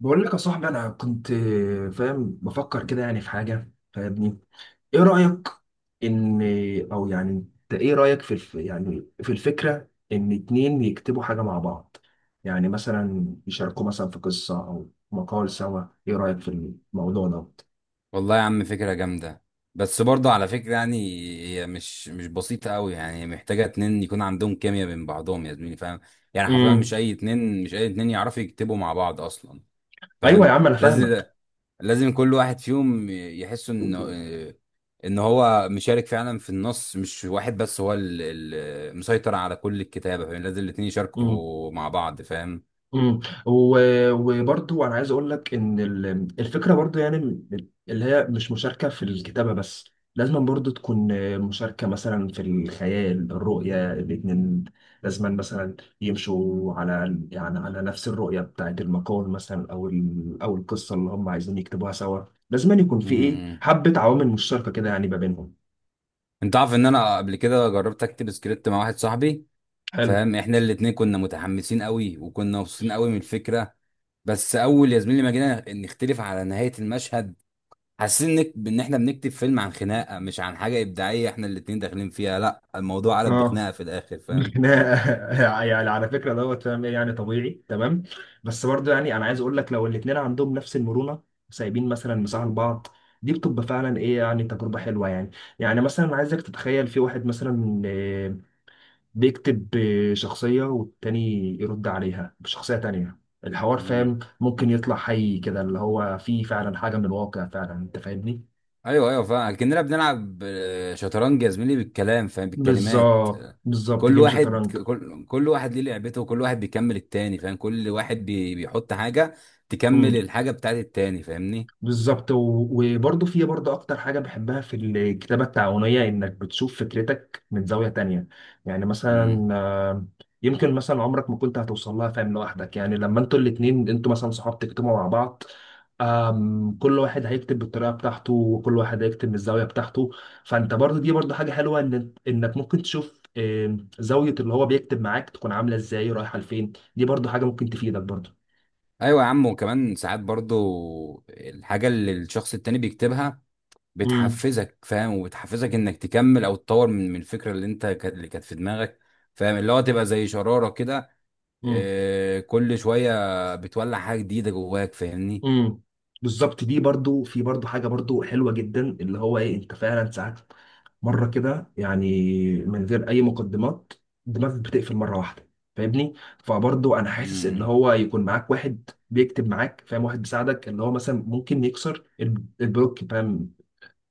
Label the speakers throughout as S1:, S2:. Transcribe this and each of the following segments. S1: بقول لك يا صاحبي، انا كنت فاهم بفكر كده، يعني في حاجه فاهمني. ايه رايك ان او يعني انت ايه رايك في الف يعني في الفكره ان اتنين يكتبوا حاجه مع بعض؟ يعني مثلا يشاركوا مثلا في قصه او مقال سوا. ايه رايك في الموضوع ده؟
S2: والله يا عم، فكرة جامدة. بس برضه على فكرة يعني هي مش بسيطة قوي. يعني هي محتاجة اتنين يكون عندهم كيمياء بين بعضهم يا زميلي، فاهم. يعني حرفيا
S1: امم
S2: مش أي اتنين يعرفوا يكتبوا مع بعض أصلا،
S1: ايوه يا
S2: فاهم.
S1: عم انا
S2: لازم
S1: فاهمك.
S2: لازم كل واحد فيهم يحس إن هو مشارك فعلا في النص، مش واحد بس هو اللي مسيطر على كل الكتابة، فاهم. لازم الاتنين يشاركوا مع بعض، فاهم.
S1: امم وبرضو انا عايز اقول لك ان الفكره برضو، يعني اللي هي مش مشاركه في الكتابه بس، لازم برضو تكون مشاركه مثلا في الخيال الرؤيه الاتنين. لازم مثلا يمشوا على، يعني على نفس الرؤيه بتاعت المقال مثلا، او القصه اللي هم عايزين يكتبوها سوا. لازم يكون
S2: م-
S1: في ايه
S2: م.
S1: حبه عوامل مشتركه كده، يعني ما بينهم.
S2: انت عارف ان انا قبل كده جربت اكتب سكريبت مع واحد صاحبي،
S1: حلو.
S2: فاهم. احنا الاتنين كنا متحمسين قوي وكنا مبسوطين قوي من الفكره. بس اول يا زميلي ما جينا نختلف على نهايه المشهد، حاسين ان احنا بنكتب فيلم عن خناقه مش عن حاجه ابداعيه احنا الاتنين داخلين فيها. لا، الموضوع قلب
S1: اه.
S2: بخناقه في الاخر، فاهم.
S1: يعني على فكره دوت، فاهم؟ ايه يعني طبيعي تمام. بس برضه يعني انا عايز اقول لك، لو الاثنين عندهم نفس المرونه سايبين مثلا مساحه لبعض، دي بتبقى فعلا ايه يعني تجربه حلوه يعني. يعني مثلا عايزك تتخيل في واحد مثلا بيكتب شخصيه، والتاني يرد عليها بشخصيه تانيه. الحوار
S2: مم.
S1: فاهم ممكن يطلع حي كده، اللي هو فيه فعلا حاجه من الواقع فعلا، انت فاهمني؟
S2: ايوه ايوه فاهم، كاننا بنلعب شطرنج يا زميلي بالكلام، فاهم، بالكلمات.
S1: بالظبط بالظبط،
S2: كل
S1: جيم
S2: واحد
S1: شطرنج.
S2: كل واحد ليه لعبته وكل واحد بيكمل التاني، فاهم. كل واحد بيحط حاجه تكمل الحاجه بتاعت التاني، فاهمني.
S1: بالظبط. وبرضه في برضه اكتر حاجه بحبها في الكتابه التعاونيه، انك بتشوف فكرتك من زاويه تانية. يعني
S2: مم.
S1: مثلا يمكن مثلا عمرك ما كنت هتوصل لها فاهم لوحدك، يعني لما انتوا الاتنين انتوا مثلا صحاب تكتبوا مع بعض. كل واحد هيكتب بالطريقه بتاعته، وكل واحد هيكتب من الزاويه بتاعته. فانت برضه دي برضه حاجه حلوه، ان انك ممكن تشوف زاويه اللي هو بيكتب معاك تكون عامله ازاي، رايحه لفين. دي برضه حاجه ممكن تفيدك برضه.
S2: ايوه يا عم، وكمان ساعات برضو الحاجه اللي الشخص التاني بيكتبها بتحفزك، فاهم، وبتحفزك انك تكمل او تطور من الفكره اللي انت كانت اللي كانت في دماغك، فاهم. اللي هو تبقى زي شراره كده.
S1: امم.
S2: كل شويه بتولع حاجه جديده جواك، فاهمني.
S1: امم. بالظبط. دي برضو في برضو حاجه برضو حلوه جدا، اللي هو ايه، انت فعلا ساعات مره كده يعني من غير اي مقدمات دماغك بتقفل مره واحده، فاهمني؟ فبرضو انا حاسس ان
S2: امم.
S1: هو يكون معاك واحد بيكتب معاك فاهم، واحد بيساعدك اللي هو مثلا ممكن يكسر البلوك فاهم.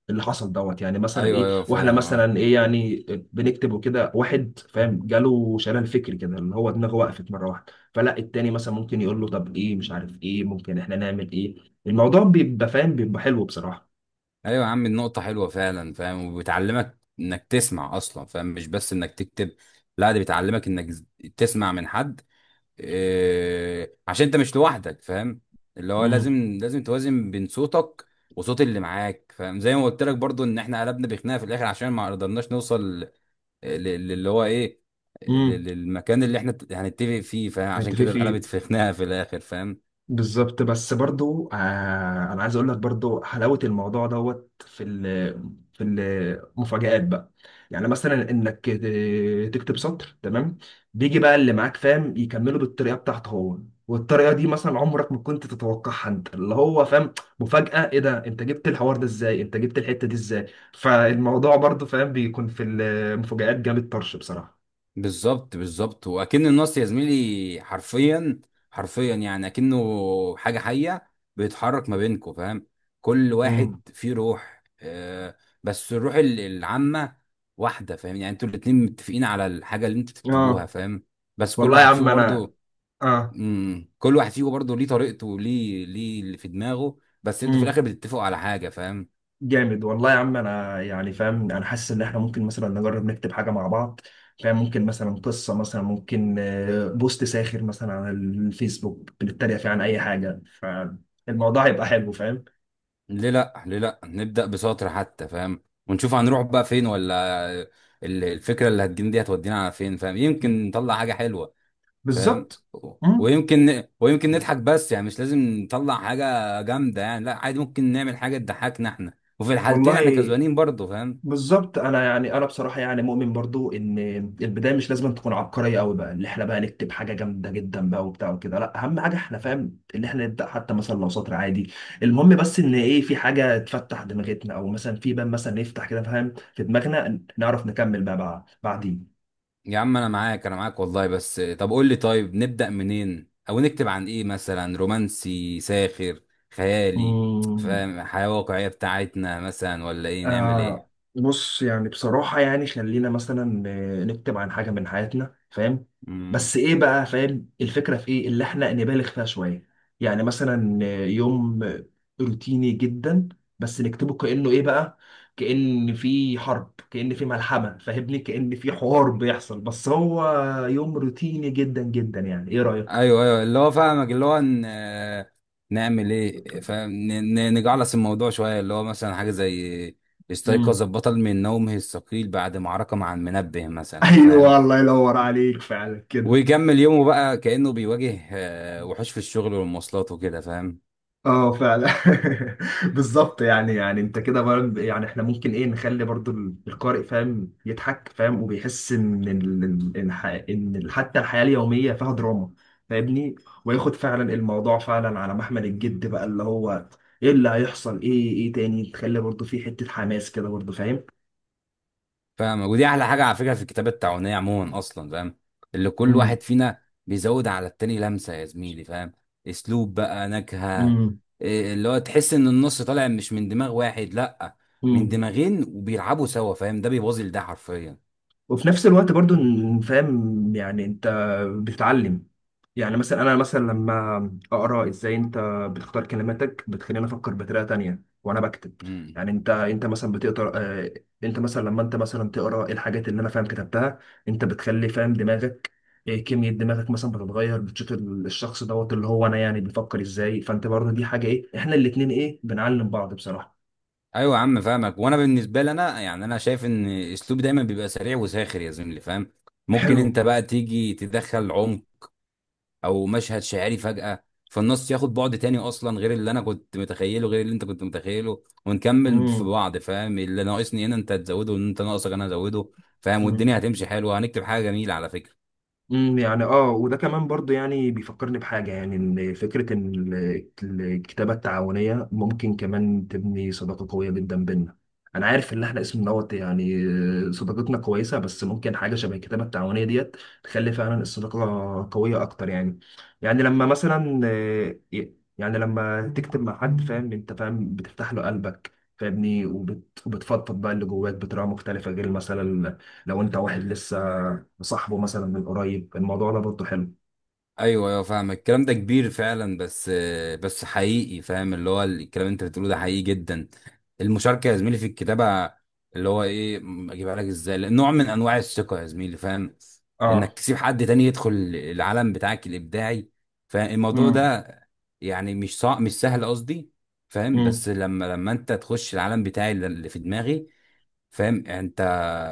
S1: اللي حصل دوت، يعني مثلا
S2: ايوه
S1: ايه،
S2: ايوه
S1: واحنا
S2: فاهم، اه.
S1: مثلا ايه يعني بنكتب وكده، واحد فاهم جاله شلل فكري كده، اللي هو دماغه وقفت مره واحده، فلا التاني مثلا ممكن يقول له طب ايه، مش عارف ايه ممكن احنا نعمل ايه. الموضوع بيبقى فاهم بيبقى حلو بصراحه.
S2: ايوه يا عم النقطه حلوه فعلا، فاهم، وبتعلمك انك تسمع اصلا، فاهم. مش بس انك تكتب، لا، دي بتعلمك انك تسمع من حد، إيه، عشان انت مش لوحدك، فاهم. اللي هو لازم،
S1: امم.
S2: لازم توازن بين صوتك وصوت اللي معاك، فاهم. زي ما قلت لك برضو ان احنا قلبنا بخناقه في الاخر عشان ما قدرناش نوصل للي هو ايه،
S1: امم.
S2: للمكان اللي احنا هنتفق فيه، فاهم. عشان
S1: انت في
S2: كده
S1: في
S2: اتقلبت في خناقه في الاخر، فاهم.
S1: بالظبط. بس برضو انا عايز اقول لك برضو حلاوه الموضوع دوت في ال في المفاجآت بقى. يعني مثلا انك تكتب سطر تمام، بيجي بقى اللي معاك فاهم يكمله بالطريقه بتاعته هو. والطريقه دي مثلا عمرك ما كنت تتوقعها انت اللي هو فاهم. مفاجاه، ايه ده، انت جبت الحوار ده ازاي، انت جبت الحته دي ازاي. فالموضوع برضو فاهم بيكون في المفاجآت جامد طرش بصراحه.
S2: بالظبط بالظبط، واكن النص يا زميلي حرفيا، حرفيا يعني اكنه حاجه حيه بيتحرك ما بينكم، فاهم. كل
S1: امم.
S2: واحد فيه روح. بس الروح العامه واحده، فاهم. يعني انتوا الاتنين متفقين على الحاجه اللي انتوا تكتبوها،
S1: اه
S2: فاهم. بس كل
S1: والله يا
S2: واحد
S1: عم
S2: فيكم
S1: انا.
S2: برضو، كل واحد فيكم برضو ليه طريقته وليه اللي في دماغه، بس انتوا في
S1: اه
S2: الاخر بتتفقوا على حاجه، فاهم.
S1: جامد والله يا عم انا يعني فاهم، انا حاسس ان احنا ممكن مثلا نجرب نكتب حاجه مع بعض فاهم. ممكن مثلا قصه، مثلا ممكن بوست ساخر مثلا على الفيسبوك بنتريق فيه عن اي حاجه. فالموضوع هيبقى حلو فاهم.
S2: ليه لا، ليه لا نبدأ بسطر حتى، فاهم. ونشوف هنروح بقى فين، ولا الفكرة اللي هتجيلنا دي هتودينا على فين، فاهم. يمكن نطلع حاجة حلوة، فاهم.
S1: بالظبط.
S2: و-
S1: مم.
S2: ويمكن ويمكن نضحك، بس يعني مش لازم نطلع حاجة جامدة يعني. لا، عادي ممكن نعمل حاجة تضحكنا احنا. وفي الحالتين
S1: والله
S2: احنا كسبانين برضه، فاهم.
S1: بالظبط انا يعني انا بصراحه يعني مؤمن برضو ان البدايه مش لازم تكون عبقريه قوي بقى، اللي احنا بقى نكتب حاجه جامده جدا بقى وبتاع وكده، لا اهم حاجه احنا فاهم ان احنا نبدا حتى مثلا لو سطر عادي. المهم بس ان ايه في حاجه تفتح دماغتنا، او مثلا في باب مثلا يفتح كده فاهم، في دماغنا نعرف نكمل بقى بعدين.
S2: يا عم انا معاك، انا معاك والله. بس طب قول لي، طيب نبدأ منين او نكتب عن ايه؟ مثلا رومانسي ساخر خيالي،
S1: مم.
S2: فاهم. حياة واقعية بتاعتنا مثلا ولا ايه نعمل
S1: آه
S2: ايه؟
S1: بص يعني بصراحة يعني خلينا مثلا نكتب عن حاجة من حياتنا فاهم.
S2: امم.
S1: بس ايه بقى فاهم الفكرة، في ايه اللي احنا نبالغ فيها شوية. يعني مثلا يوم روتيني جدا، بس نكتبه كأنه ايه بقى، كأن في حرب، كأن في ملحمة، فاهمني؟ كأن في حوار بيحصل، بس هو يوم روتيني جدا جدا. يعني ايه رأيك؟
S2: ايوه ايوه اللي هو فاهمك، اللي هو ن... آه، نعمل ايه؟ فاهم. نجعلص الموضوع شويه، اللي هو مثلا حاجه زي
S1: مم.
S2: استيقظ البطل من نومه الثقيل بعد معركه مع المنبه مثلا،
S1: ايوه
S2: فاهم.
S1: الله ينور عليك فعلا كده.
S2: ويكمل يومه بقى كانه بيواجه وحوش في الشغل والمواصلات وكده، فاهم.
S1: اه فعلا. بالظبط. يعني انت كده يعني احنا ممكن ايه نخلي برضو القارئ فاهم يضحك فاهم، وبيحس ان حتى الحياة اليومية فيها دراما، فاهمني؟ وياخد فعلا الموضوع فعلا على محمل الجد بقى، اللي هو ايه اللي هيحصل، ايه ايه تاني تخلي برضو في حتة حماس كده برضو فاهم.
S2: فاهم ودي احلى حاجه على فكره في الكتابه التعاونيه عموما اصلا، فاهم. اللي كل
S1: امم.
S2: واحد فينا بيزود على التاني لمسه يا زميلي، فاهم. اسلوب بقى، نكهه، إيه. اللي هو تحس ان النص طالع مش من دماغ واحد، لا، من
S1: امم.
S2: دماغين وبيلعبوا سوا، فاهم. ده بيبوظ ده حرفيا.
S1: وفي نفس الوقت برضو فاهم يعني انت بتتعلم. يعني مثلا انا مثلا لما اقرا ازاي انت بتختار كلماتك بتخليني افكر بطريقه تانية وانا بكتب.
S2: امم.
S1: يعني انت مثلا بتقرا انت مثلا لما انت مثلا تقرا إيه الحاجات اللي انا فاهم كتبتها، انت بتخلي فاهم دماغك كمية دماغك مثلا بتتغير، بتشوف الشخص دوت اللي هو انا يعني بيفكر ازاي. فانت برضه دي حاجة ايه، احنا الاتنين ايه بنعلم بعض بصراحة.
S2: ايوه يا عم فاهمك. وانا بالنسبه لي انا يعني انا شايف ان اسلوبي دايما بيبقى سريع وساخر يا زميلي، فاهم. ممكن انت
S1: حلو.
S2: بقى تيجي تدخل عمق او مشهد شعري فجأة، فالنص ياخد بعد تاني اصلا، غير اللي انا كنت متخيله غير اللي انت كنت متخيله، ونكمل في بعض، فاهم. اللي ناقصني هنا انت هتزوده، وان انت ناقصك انا هزوده، فاهم.
S1: امم.
S2: والدنيا هتمشي حلوة، هنكتب حاجة جميلة على فكرة.
S1: امم. يعني اه، وده كمان برضو يعني بيفكرني بحاجة، يعني ان فكرة ان الكتابة التعاونية ممكن كمان تبني صداقة قوية جدا بينا. انا عارف ان احنا اسم دوت يعني صداقتنا كويسة، بس ممكن حاجة شبه الكتابة التعاونية ديت تخلي فعلا الصداقة قوية اكتر يعني. يعني لما مثلا يعني لما تكتب مع حد فاهم انت فاهم بتفتح له قلبك فاهمني، وبتفضفض بقى اللي جواك بطريقة مختلفة، غير مثلا لو انت واحد لسه صاحبه مثلا من قريب. الموضوع ده برضه حلو.
S2: ايوه ايوه فاهم، الكلام ده كبير فعلا. بس بس حقيقي، فاهم. اللي هو الكلام اللي انت بتقوله ده حقيقي جدا. المشاركه يا زميلي في الكتابه، اللي هو ايه، اجيبها لك ازاي؟ لأ، نوع من انواع الثقه يا زميلي، فاهم. انك
S1: اه.
S2: تسيب حد تاني يدخل العالم بتاعك الابداعي. فالموضوع
S1: امم.
S2: ده يعني مش صعب، مش سهل قصدي، فاهم.
S1: امم.
S2: بس لما انت تخش العالم بتاعي اللي في دماغي، فاهم. يعني انت،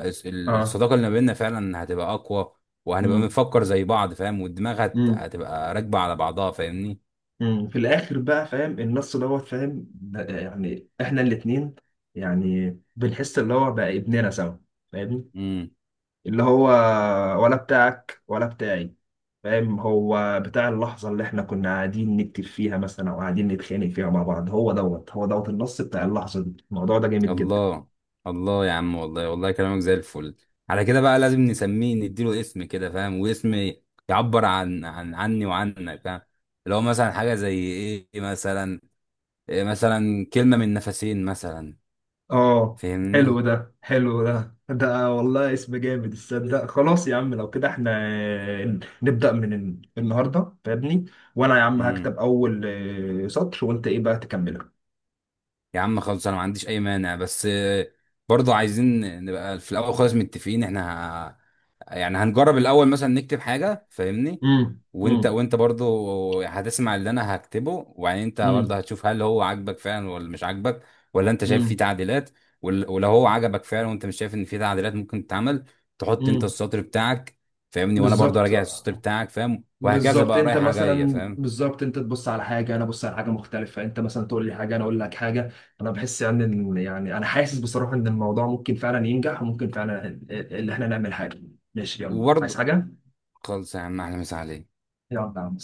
S1: اه.
S2: الصداقه اللي ما بيننا فعلا هتبقى اقوى، وهنبقى
S1: امم.
S2: بنفكر زي بعض، فاهم. والدماغ
S1: امم.
S2: هتبقى راكبه على بعضها، فاهمني.
S1: في الاخر بقى فاهم النص دوت فاهم يعني احنا الاتنين يعني بنحس اللي هو بقى ابننا سوا فاهمني.
S2: امم.
S1: اللي هو ولا بتاعك ولا بتاعي، فاهم؟ هو بتاع اللحظة اللي احنا كنا قاعدين نكتب فيها مثلا، او قاعدين نتخانق فيها مع بعض. هو دوت هو دوت النص بتاع اللحظة دي. الموضوع ده جامد جدا.
S2: الله، الله يا عم، والله والله كلامك زي الفل. على كده بقى لازم نسميه، نديله اسم كده، فاهم. واسم يعبر عن عن عني وعنك، فاهم. لو مثلا حاجه زي ايه مثلا، إيه مثلا، كلمه من نفسين مثلا،
S1: اه.
S2: فاهمني.
S1: حلو ده حلو ده والله اسم جامد، تصدق. خلاص يا عم لو كده احنا نبدأ من النهارده فاهمني. وانا يا عم هكتب اول سطر، وانت ايه بقى تكمله.
S2: يا عم خلاص انا ما عنديش اي مانع، بس برضه عايزين نبقى في الاول خالص متفقين احنا. يعني هنجرب الاول مثلا نكتب حاجه، فاهمني.
S1: امم.
S2: وانت
S1: امم.
S2: وانت برضه هتسمع اللي انا هكتبه، وبعدين انت برضه
S1: امم.
S2: هتشوف هل هو عاجبك فعلا ولا مش عاجبك، ولا انت شايف فيه
S1: امم.
S2: تعديلات. ولو هو عجبك فعلا وانت مش شايف ان فيه تعديلات ممكن تتعمل، تحط انت
S1: امم.
S2: السطر بتاعك، فاهمني. وانا برضه
S1: بالظبط
S2: راجع السطر بتاعك، فاهم، وهكذا
S1: بالظبط.
S2: بقى
S1: انت
S2: رايحه جايه،
S1: مثلا
S2: فاهم.
S1: بالظبط انت تبص على حاجه انا ابص على حاجه مختلفه، انت مثلا تقول لي حاجه انا اقول لك حاجه. انا بحس يعني ان يعني انا حاسس بصراحه ان الموضوع ممكن فعلا ينجح، وممكن فعلا ان احنا نعمل حاجه. ماشي، يلا عايز
S2: وبرضه
S1: حاجه.
S2: خلص يا عم، احلى مسا عليك.
S1: يلا يا عم.